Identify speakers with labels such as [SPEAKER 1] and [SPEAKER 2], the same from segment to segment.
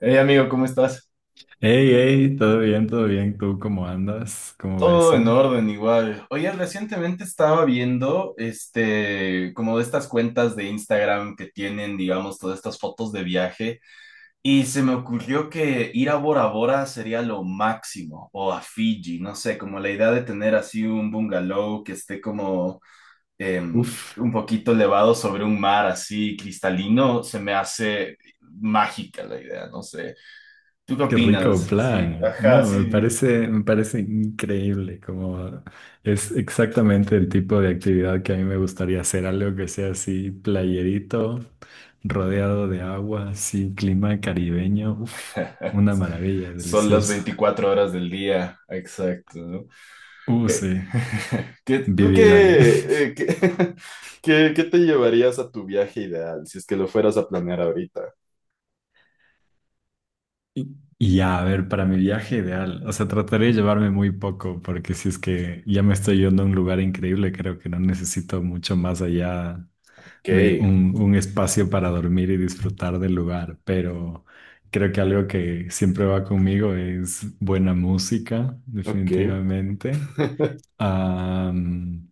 [SPEAKER 1] Hey amigo, ¿cómo estás?
[SPEAKER 2] Hey, hey, todo bien, todo bien. ¿Tú cómo andas? ¿Cómo va
[SPEAKER 1] Todo en
[SPEAKER 2] eso?
[SPEAKER 1] orden igual. Oye, recientemente estaba viendo como de estas cuentas de Instagram que tienen, digamos, todas estas fotos de viaje y se me ocurrió que ir a Bora Bora sería lo máximo o a Fiji, no sé, como la idea de tener así un bungalow que esté como
[SPEAKER 2] Uf,
[SPEAKER 1] un poquito elevado sobre un mar así cristalino, se me hace mágica la idea, no sé. ¿Tú qué
[SPEAKER 2] qué rico
[SPEAKER 1] opinas? Sí,
[SPEAKER 2] plan. No,
[SPEAKER 1] ajá,
[SPEAKER 2] me
[SPEAKER 1] sí.
[SPEAKER 2] parece, me parece increíble. Como es exactamente el tipo de actividad que a mí me gustaría hacer, algo que sea así, playerito, rodeado de agua, así, clima caribeño. Uf, una maravilla,
[SPEAKER 1] Son las
[SPEAKER 2] delicioso.
[SPEAKER 1] 24 horas del día, exacto, ¿no? Eh,
[SPEAKER 2] Sí,
[SPEAKER 1] ¿Tú
[SPEAKER 2] vivir ahí.
[SPEAKER 1] qué, qué te llevarías a tu viaje ideal si es que lo fueras a planear ahorita?
[SPEAKER 2] Y ya, a ver, para mi viaje ideal, o sea, trataré de llevarme muy poco, porque si es que ya me estoy yendo a un lugar increíble, creo que no necesito mucho más allá
[SPEAKER 1] Ok,
[SPEAKER 2] de un espacio para dormir y disfrutar del lugar, pero creo que algo que siempre va conmigo es buena música,
[SPEAKER 1] ok.
[SPEAKER 2] definitivamente. Am,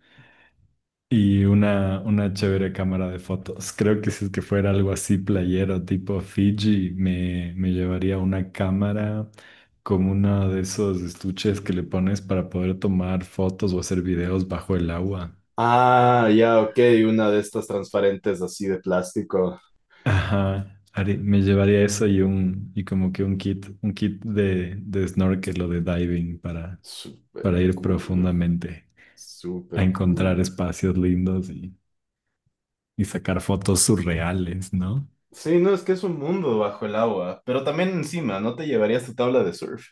[SPEAKER 2] y una chévere cámara de fotos. Creo que si es que fuera algo así playero, tipo Fiji, me llevaría una cámara como uno de esos estuches que le pones para poder tomar fotos o hacer videos bajo el agua.
[SPEAKER 1] Ah, ya, ok, una de estas transparentes así de plástico.
[SPEAKER 2] Ajá. Me llevaría eso y un, y como que un kit de snorkel o de diving para
[SPEAKER 1] Súper
[SPEAKER 2] ir
[SPEAKER 1] cool,
[SPEAKER 2] profundamente a
[SPEAKER 1] súper
[SPEAKER 2] encontrar
[SPEAKER 1] cool.
[SPEAKER 2] espacios lindos y sacar fotos surreales, ¿no?
[SPEAKER 1] Sí, no, es que es un mundo bajo el agua, pero también encima, ¿no te llevarías tu tabla de surf?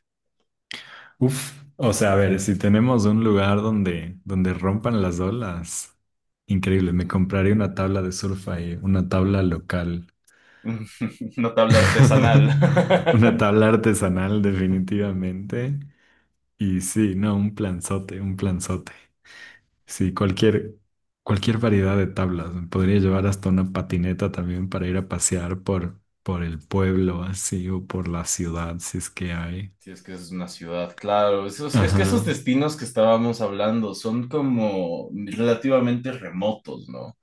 [SPEAKER 2] Uf, o sea, a ver, si tenemos un lugar donde, donde rompan las olas, increíble, me compraría una tabla de surf ahí, una tabla local,
[SPEAKER 1] Una tabla artesanal.
[SPEAKER 2] una tabla artesanal definitivamente. Y sí, no, un planzote, un planzote. Sí, cualquier, cualquier variedad de tablas. Me podría llevar hasta una patineta también para ir a pasear por el pueblo así o por la ciudad, si es que hay.
[SPEAKER 1] Sí, es que es una ciudad, claro. Es que esos
[SPEAKER 2] Ajá.
[SPEAKER 1] destinos que estábamos hablando son como relativamente remotos, ¿no?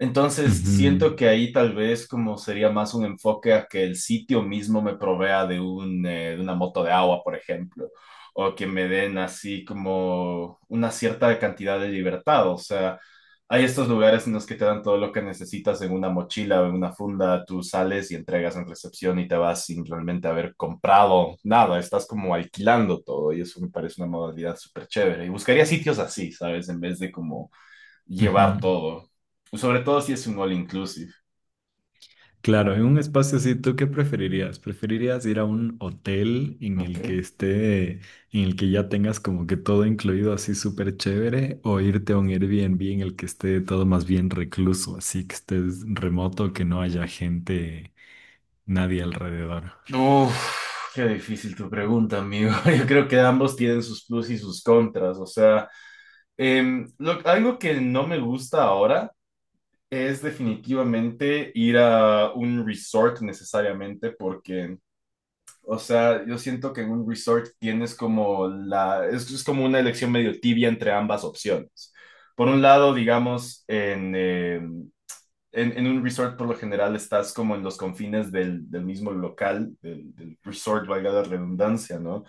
[SPEAKER 1] Entonces, siento
[SPEAKER 2] ujú,
[SPEAKER 1] que ahí tal vez como sería más un enfoque a que el sitio mismo me provea de un, de una moto de agua, por ejemplo, o que me den así como una cierta cantidad de libertad. O sea, hay estos lugares en los que te dan todo lo que necesitas en una mochila o en una funda, tú sales y entregas en recepción y te vas sin realmente haber comprado nada, estás como alquilando todo y eso me parece una modalidad súper chévere. Y buscaría sitios así, ¿sabes? En vez de como llevar
[SPEAKER 2] ujú.
[SPEAKER 1] todo. Sobre todo si es un all inclusive.
[SPEAKER 2] Claro, en un espacio así, ¿tú qué preferirías? ¿Preferirías ir a un hotel en
[SPEAKER 1] Ok.
[SPEAKER 2] el que esté, en el que ya tengas como que todo incluido así súper chévere, o irte a un Airbnb en el que esté todo más bien recluso, así que estés remoto, que no haya gente, nadie alrededor?
[SPEAKER 1] Uf, qué difícil tu pregunta, amigo. Yo creo que ambos tienen sus plus y sus contras. O sea, algo que no me gusta ahora es definitivamente ir a un resort necesariamente porque... O sea, yo siento que en un resort tienes como es como una elección medio tibia entre ambas opciones. Por un lado, digamos, en un resort por lo general estás como en los confines del mismo local, del resort, valga la redundancia, ¿no?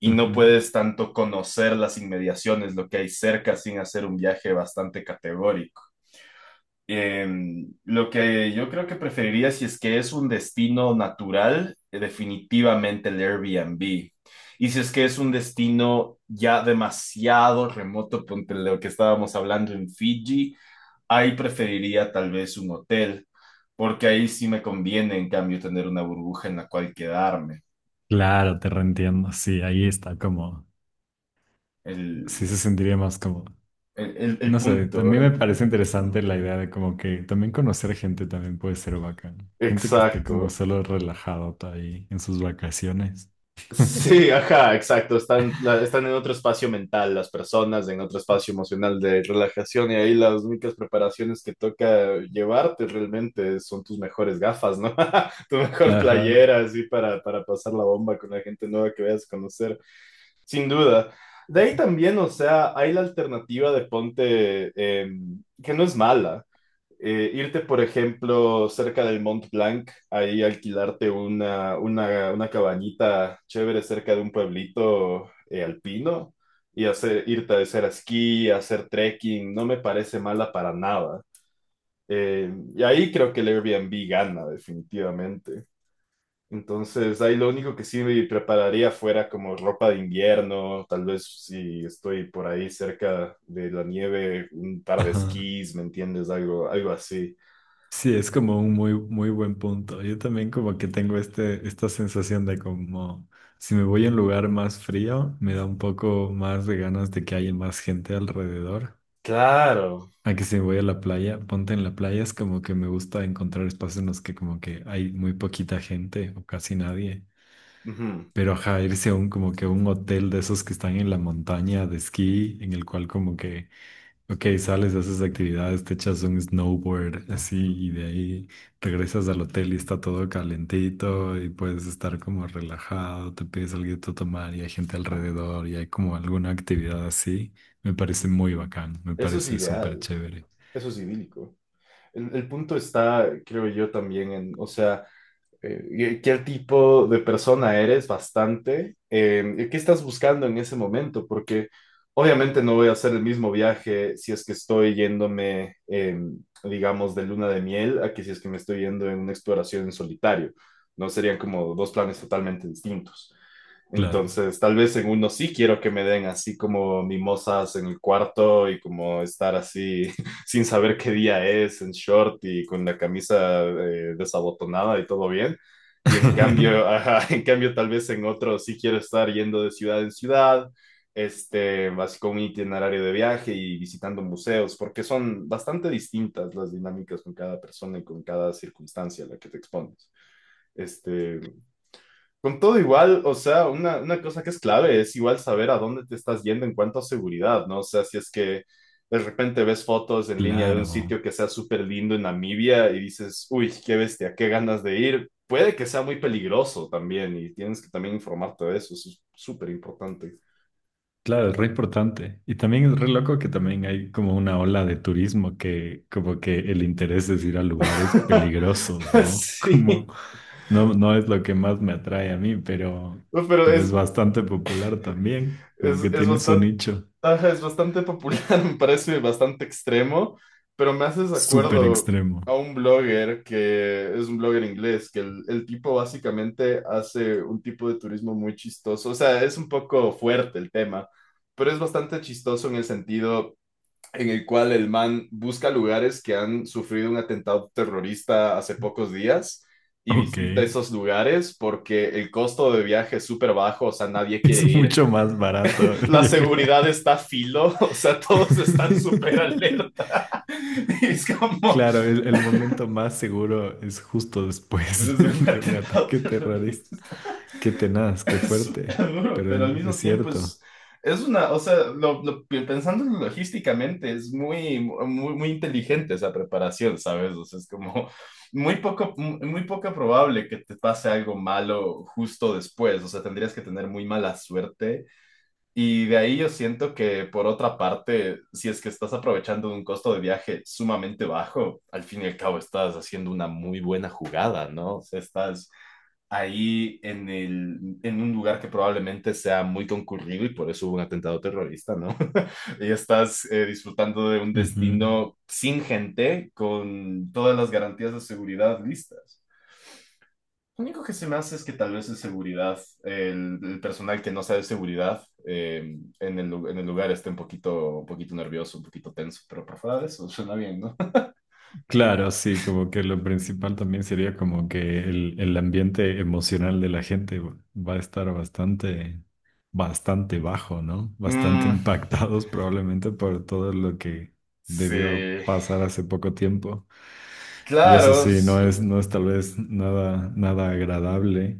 [SPEAKER 1] Y no
[SPEAKER 2] Ujú.
[SPEAKER 1] puedes tanto conocer las inmediaciones, lo que hay cerca, sin hacer un viaje bastante categórico. Lo que yo creo que preferiría si es que es un destino natural, definitivamente el Airbnb. Y si es que es un destino ya demasiado remoto, ponte lo que estábamos hablando en Fiji, ahí preferiría tal vez un hotel, porque ahí sí me conviene, en cambio, tener una burbuja en la cual quedarme.
[SPEAKER 2] Claro, te reentiendo, sí, ahí está como,
[SPEAKER 1] El,
[SPEAKER 2] sí se sentiría más cómodo.
[SPEAKER 1] el, el- el
[SPEAKER 2] No sé,
[SPEAKER 1] punto.
[SPEAKER 2] también me
[SPEAKER 1] el-
[SPEAKER 2] parece interesante la idea de como que también conocer gente también puede ser bacán. Gente que esté como
[SPEAKER 1] Exacto.
[SPEAKER 2] solo relajado ahí en sus vacaciones.
[SPEAKER 1] Sí, ajá, exacto. Están en otro espacio mental las personas, en otro espacio emocional de relajación y ahí las únicas preparaciones que toca llevarte realmente son tus mejores gafas, ¿no? Tu mejor
[SPEAKER 2] Ajá,
[SPEAKER 1] playera, así para pasar la bomba con la gente nueva que vayas a conocer. Sin duda. De ahí también, o sea, hay la alternativa de ponte, que no es mala. Irte, por ejemplo, cerca del Mont Blanc, ahí alquilarte una cabañita chévere cerca de un pueblito alpino y irte a hacer esquí, a hacer trekking, no me parece mala para nada. Y ahí creo que el Airbnb gana, definitivamente. Entonces, ahí lo único que sí me prepararía fuera como ropa de invierno, tal vez si estoy por ahí cerca de la nieve, un par de
[SPEAKER 2] ajá.
[SPEAKER 1] esquís, ¿me entiendes? Algo, algo así.
[SPEAKER 2] Sí, es como un muy, muy buen punto. Yo también como que tengo este, esta sensación de como si me voy a un lugar más frío, me da un poco más de ganas de que haya más gente alrededor.
[SPEAKER 1] Claro.
[SPEAKER 2] A que si voy a la playa, ponte en la playa, es como que me gusta encontrar espacios en los que como que hay muy poquita gente o casi nadie.
[SPEAKER 1] Ujú.
[SPEAKER 2] Pero ajá, irse a un como que a un hotel de esos que están en la montaña de esquí, en el cual como que, ok, sales, haces actividades, te echas un snowboard así y de ahí regresas al hotel y está todo calentito y puedes estar como relajado, te pides algo de tomar y hay gente alrededor y hay como alguna actividad así. Me parece muy bacán, me
[SPEAKER 1] Eso es
[SPEAKER 2] parece súper
[SPEAKER 1] ideal,
[SPEAKER 2] chévere.
[SPEAKER 1] eso es idílico. El punto está, creo yo, también en, o sea, ¿qué tipo de persona eres bastante? Y ¿qué estás buscando en ese momento? Porque obviamente no voy a hacer el mismo viaje si es que estoy yéndome, digamos, de luna de miel a que si es que me estoy yendo en una exploración en solitario. No serían como dos planes totalmente distintos.
[SPEAKER 2] Claro.
[SPEAKER 1] Entonces, tal vez en uno sí quiero que me den así como mimosas en el cuarto y como estar así sin saber qué día es, en short y con la camisa desabotonada y todo bien. Y en cambio, ajá, en cambio, tal vez en otro sí quiero estar yendo de ciudad en ciudad, este, así con un itinerario de viaje y visitando museos, porque son bastante distintas las dinámicas con cada persona y con cada circunstancia a la que te expones. Este, con todo igual, o sea, una cosa que es clave es igual saber a dónde te estás yendo en cuanto a seguridad, ¿no? O sea, si es que de repente ves fotos en línea de un
[SPEAKER 2] Claro.
[SPEAKER 1] sitio que sea súper lindo en Namibia y dices, uy, qué bestia, qué ganas de ir, puede que sea muy peligroso también y tienes que también informarte de eso, eso es súper importante.
[SPEAKER 2] Claro, es re importante. Y también es re loco que también hay como una ola de turismo que como que el interés es ir a lugares peligrosos, ¿no? Como
[SPEAKER 1] Sí,
[SPEAKER 2] no, no es lo que más me atrae a mí,
[SPEAKER 1] no, pero
[SPEAKER 2] pero es
[SPEAKER 1] es,
[SPEAKER 2] bastante popular también. Como
[SPEAKER 1] Es,
[SPEAKER 2] que
[SPEAKER 1] es
[SPEAKER 2] tiene su
[SPEAKER 1] bastante,
[SPEAKER 2] nicho
[SPEAKER 1] ajá, es bastante popular, me parece bastante extremo, pero me haces
[SPEAKER 2] súper
[SPEAKER 1] acuerdo
[SPEAKER 2] extremo.
[SPEAKER 1] a un blogger que es un blogger inglés, que el tipo básicamente hace un tipo de turismo muy chistoso, o sea, es un poco fuerte el tema, pero es bastante chistoso en el sentido en el cual el man busca lugares que han sufrido un atentado terrorista hace pocos días y
[SPEAKER 2] Ok,
[SPEAKER 1] visita esos lugares porque el costo de viaje es súper bajo, o sea, nadie quiere
[SPEAKER 2] es
[SPEAKER 1] ir
[SPEAKER 2] mucho más barato
[SPEAKER 1] la
[SPEAKER 2] viajar.
[SPEAKER 1] seguridad está a filo, o sea, todos están súper alerta. Y es como
[SPEAKER 2] Claro, el momento más seguro es justo después
[SPEAKER 1] desde un
[SPEAKER 2] de un
[SPEAKER 1] atentado
[SPEAKER 2] ataque terrorista.
[SPEAKER 1] terrorista.
[SPEAKER 2] Qué tenaz, qué
[SPEAKER 1] Es
[SPEAKER 2] fuerte,
[SPEAKER 1] súper duro,
[SPEAKER 2] pero
[SPEAKER 1] pero al
[SPEAKER 2] es
[SPEAKER 1] mismo tiempo
[SPEAKER 2] cierto.
[SPEAKER 1] es una, o sea, pensándolo logísticamente, es muy, muy, muy inteligente esa preparación, ¿sabes? O sea, es como muy poco, muy muy poco probable que te pase algo malo justo después, o sea, tendrías que tener muy mala suerte. Y de ahí yo siento que, por otra parte, si es que estás aprovechando de un costo de viaje sumamente bajo, al fin y al cabo estás haciendo una muy buena jugada, ¿no? O sea, estás ahí en un lugar que probablemente sea muy concurrido y por eso hubo un atentado terrorista, ¿no? Y estás disfrutando de un
[SPEAKER 2] Ujú.
[SPEAKER 1] destino sin gente, con todas las garantías de seguridad listas. Lo único que se me hace es que tal vez de seguridad, el personal que no sea de seguridad en en el lugar esté un poquito nervioso, un poquito tenso, pero por fuera de eso suena bien, ¿no?
[SPEAKER 2] Claro, sí, como que lo principal también sería como que el ambiente emocional de la gente va a estar bastante, bastante bajo, ¿no? Bastante
[SPEAKER 1] Mm,
[SPEAKER 2] impactados probablemente por todo lo que debió
[SPEAKER 1] sí,
[SPEAKER 2] pasar hace poco tiempo. Y eso
[SPEAKER 1] claro,
[SPEAKER 2] sí, no es, no es tal vez nada, nada agradable.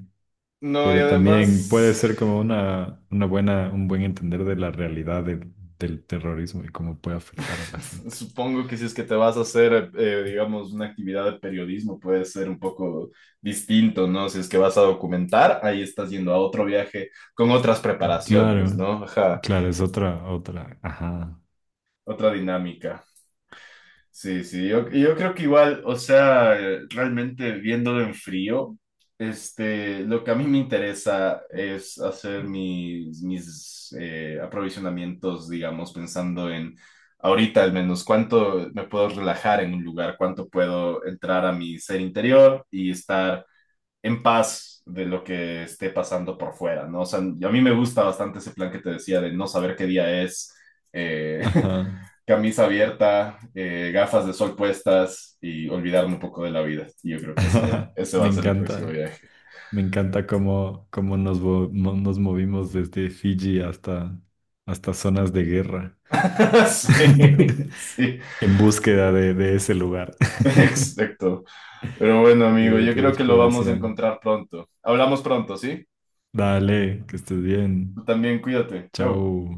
[SPEAKER 1] no, y
[SPEAKER 2] Pero también
[SPEAKER 1] además
[SPEAKER 2] puede ser como una buena, un buen entender de la realidad del del terrorismo y cómo puede afectar a la gente.
[SPEAKER 1] supongo que si es que te vas a hacer, digamos, una actividad de periodismo puede ser un poco distinto, ¿no? Si es que vas a documentar, ahí estás yendo a otro viaje con otras preparaciones,
[SPEAKER 2] Claro,
[SPEAKER 1] ¿no? Ajá,
[SPEAKER 2] claro, es otra, otra. Ajá,
[SPEAKER 1] otra dinámica. Sí, sí, yo creo que igual, o sea, realmente viéndolo en frío, este, lo que a mí me interesa es hacer mis aprovisionamientos, digamos, pensando en ahorita al menos cuánto me puedo relajar en un lugar, cuánto puedo entrar a mi ser interior y estar en paz de lo que esté pasando por fuera, ¿no? O sea, a mí me gusta bastante ese plan que te decía de no saber qué día es. Eh,
[SPEAKER 2] ajá.
[SPEAKER 1] camisa abierta, gafas de sol puestas y olvidarme un poco de la vida. Y yo creo que eso,
[SPEAKER 2] ajá.
[SPEAKER 1] ese va a ser el próximo viaje.
[SPEAKER 2] Me encanta cómo, cómo nos, nos movimos desde Fiji hasta, hasta zonas de guerra
[SPEAKER 1] Sí, sí,
[SPEAKER 2] en búsqueda de ese lugar.
[SPEAKER 1] exacto. Pero bueno, amigo, yo
[SPEAKER 2] Divertida
[SPEAKER 1] creo que lo vamos a
[SPEAKER 2] exploración.
[SPEAKER 1] encontrar pronto. Hablamos pronto, ¿sí?
[SPEAKER 2] Dale, que estés bien.
[SPEAKER 1] Tú también cuídate. Chau.
[SPEAKER 2] Chao.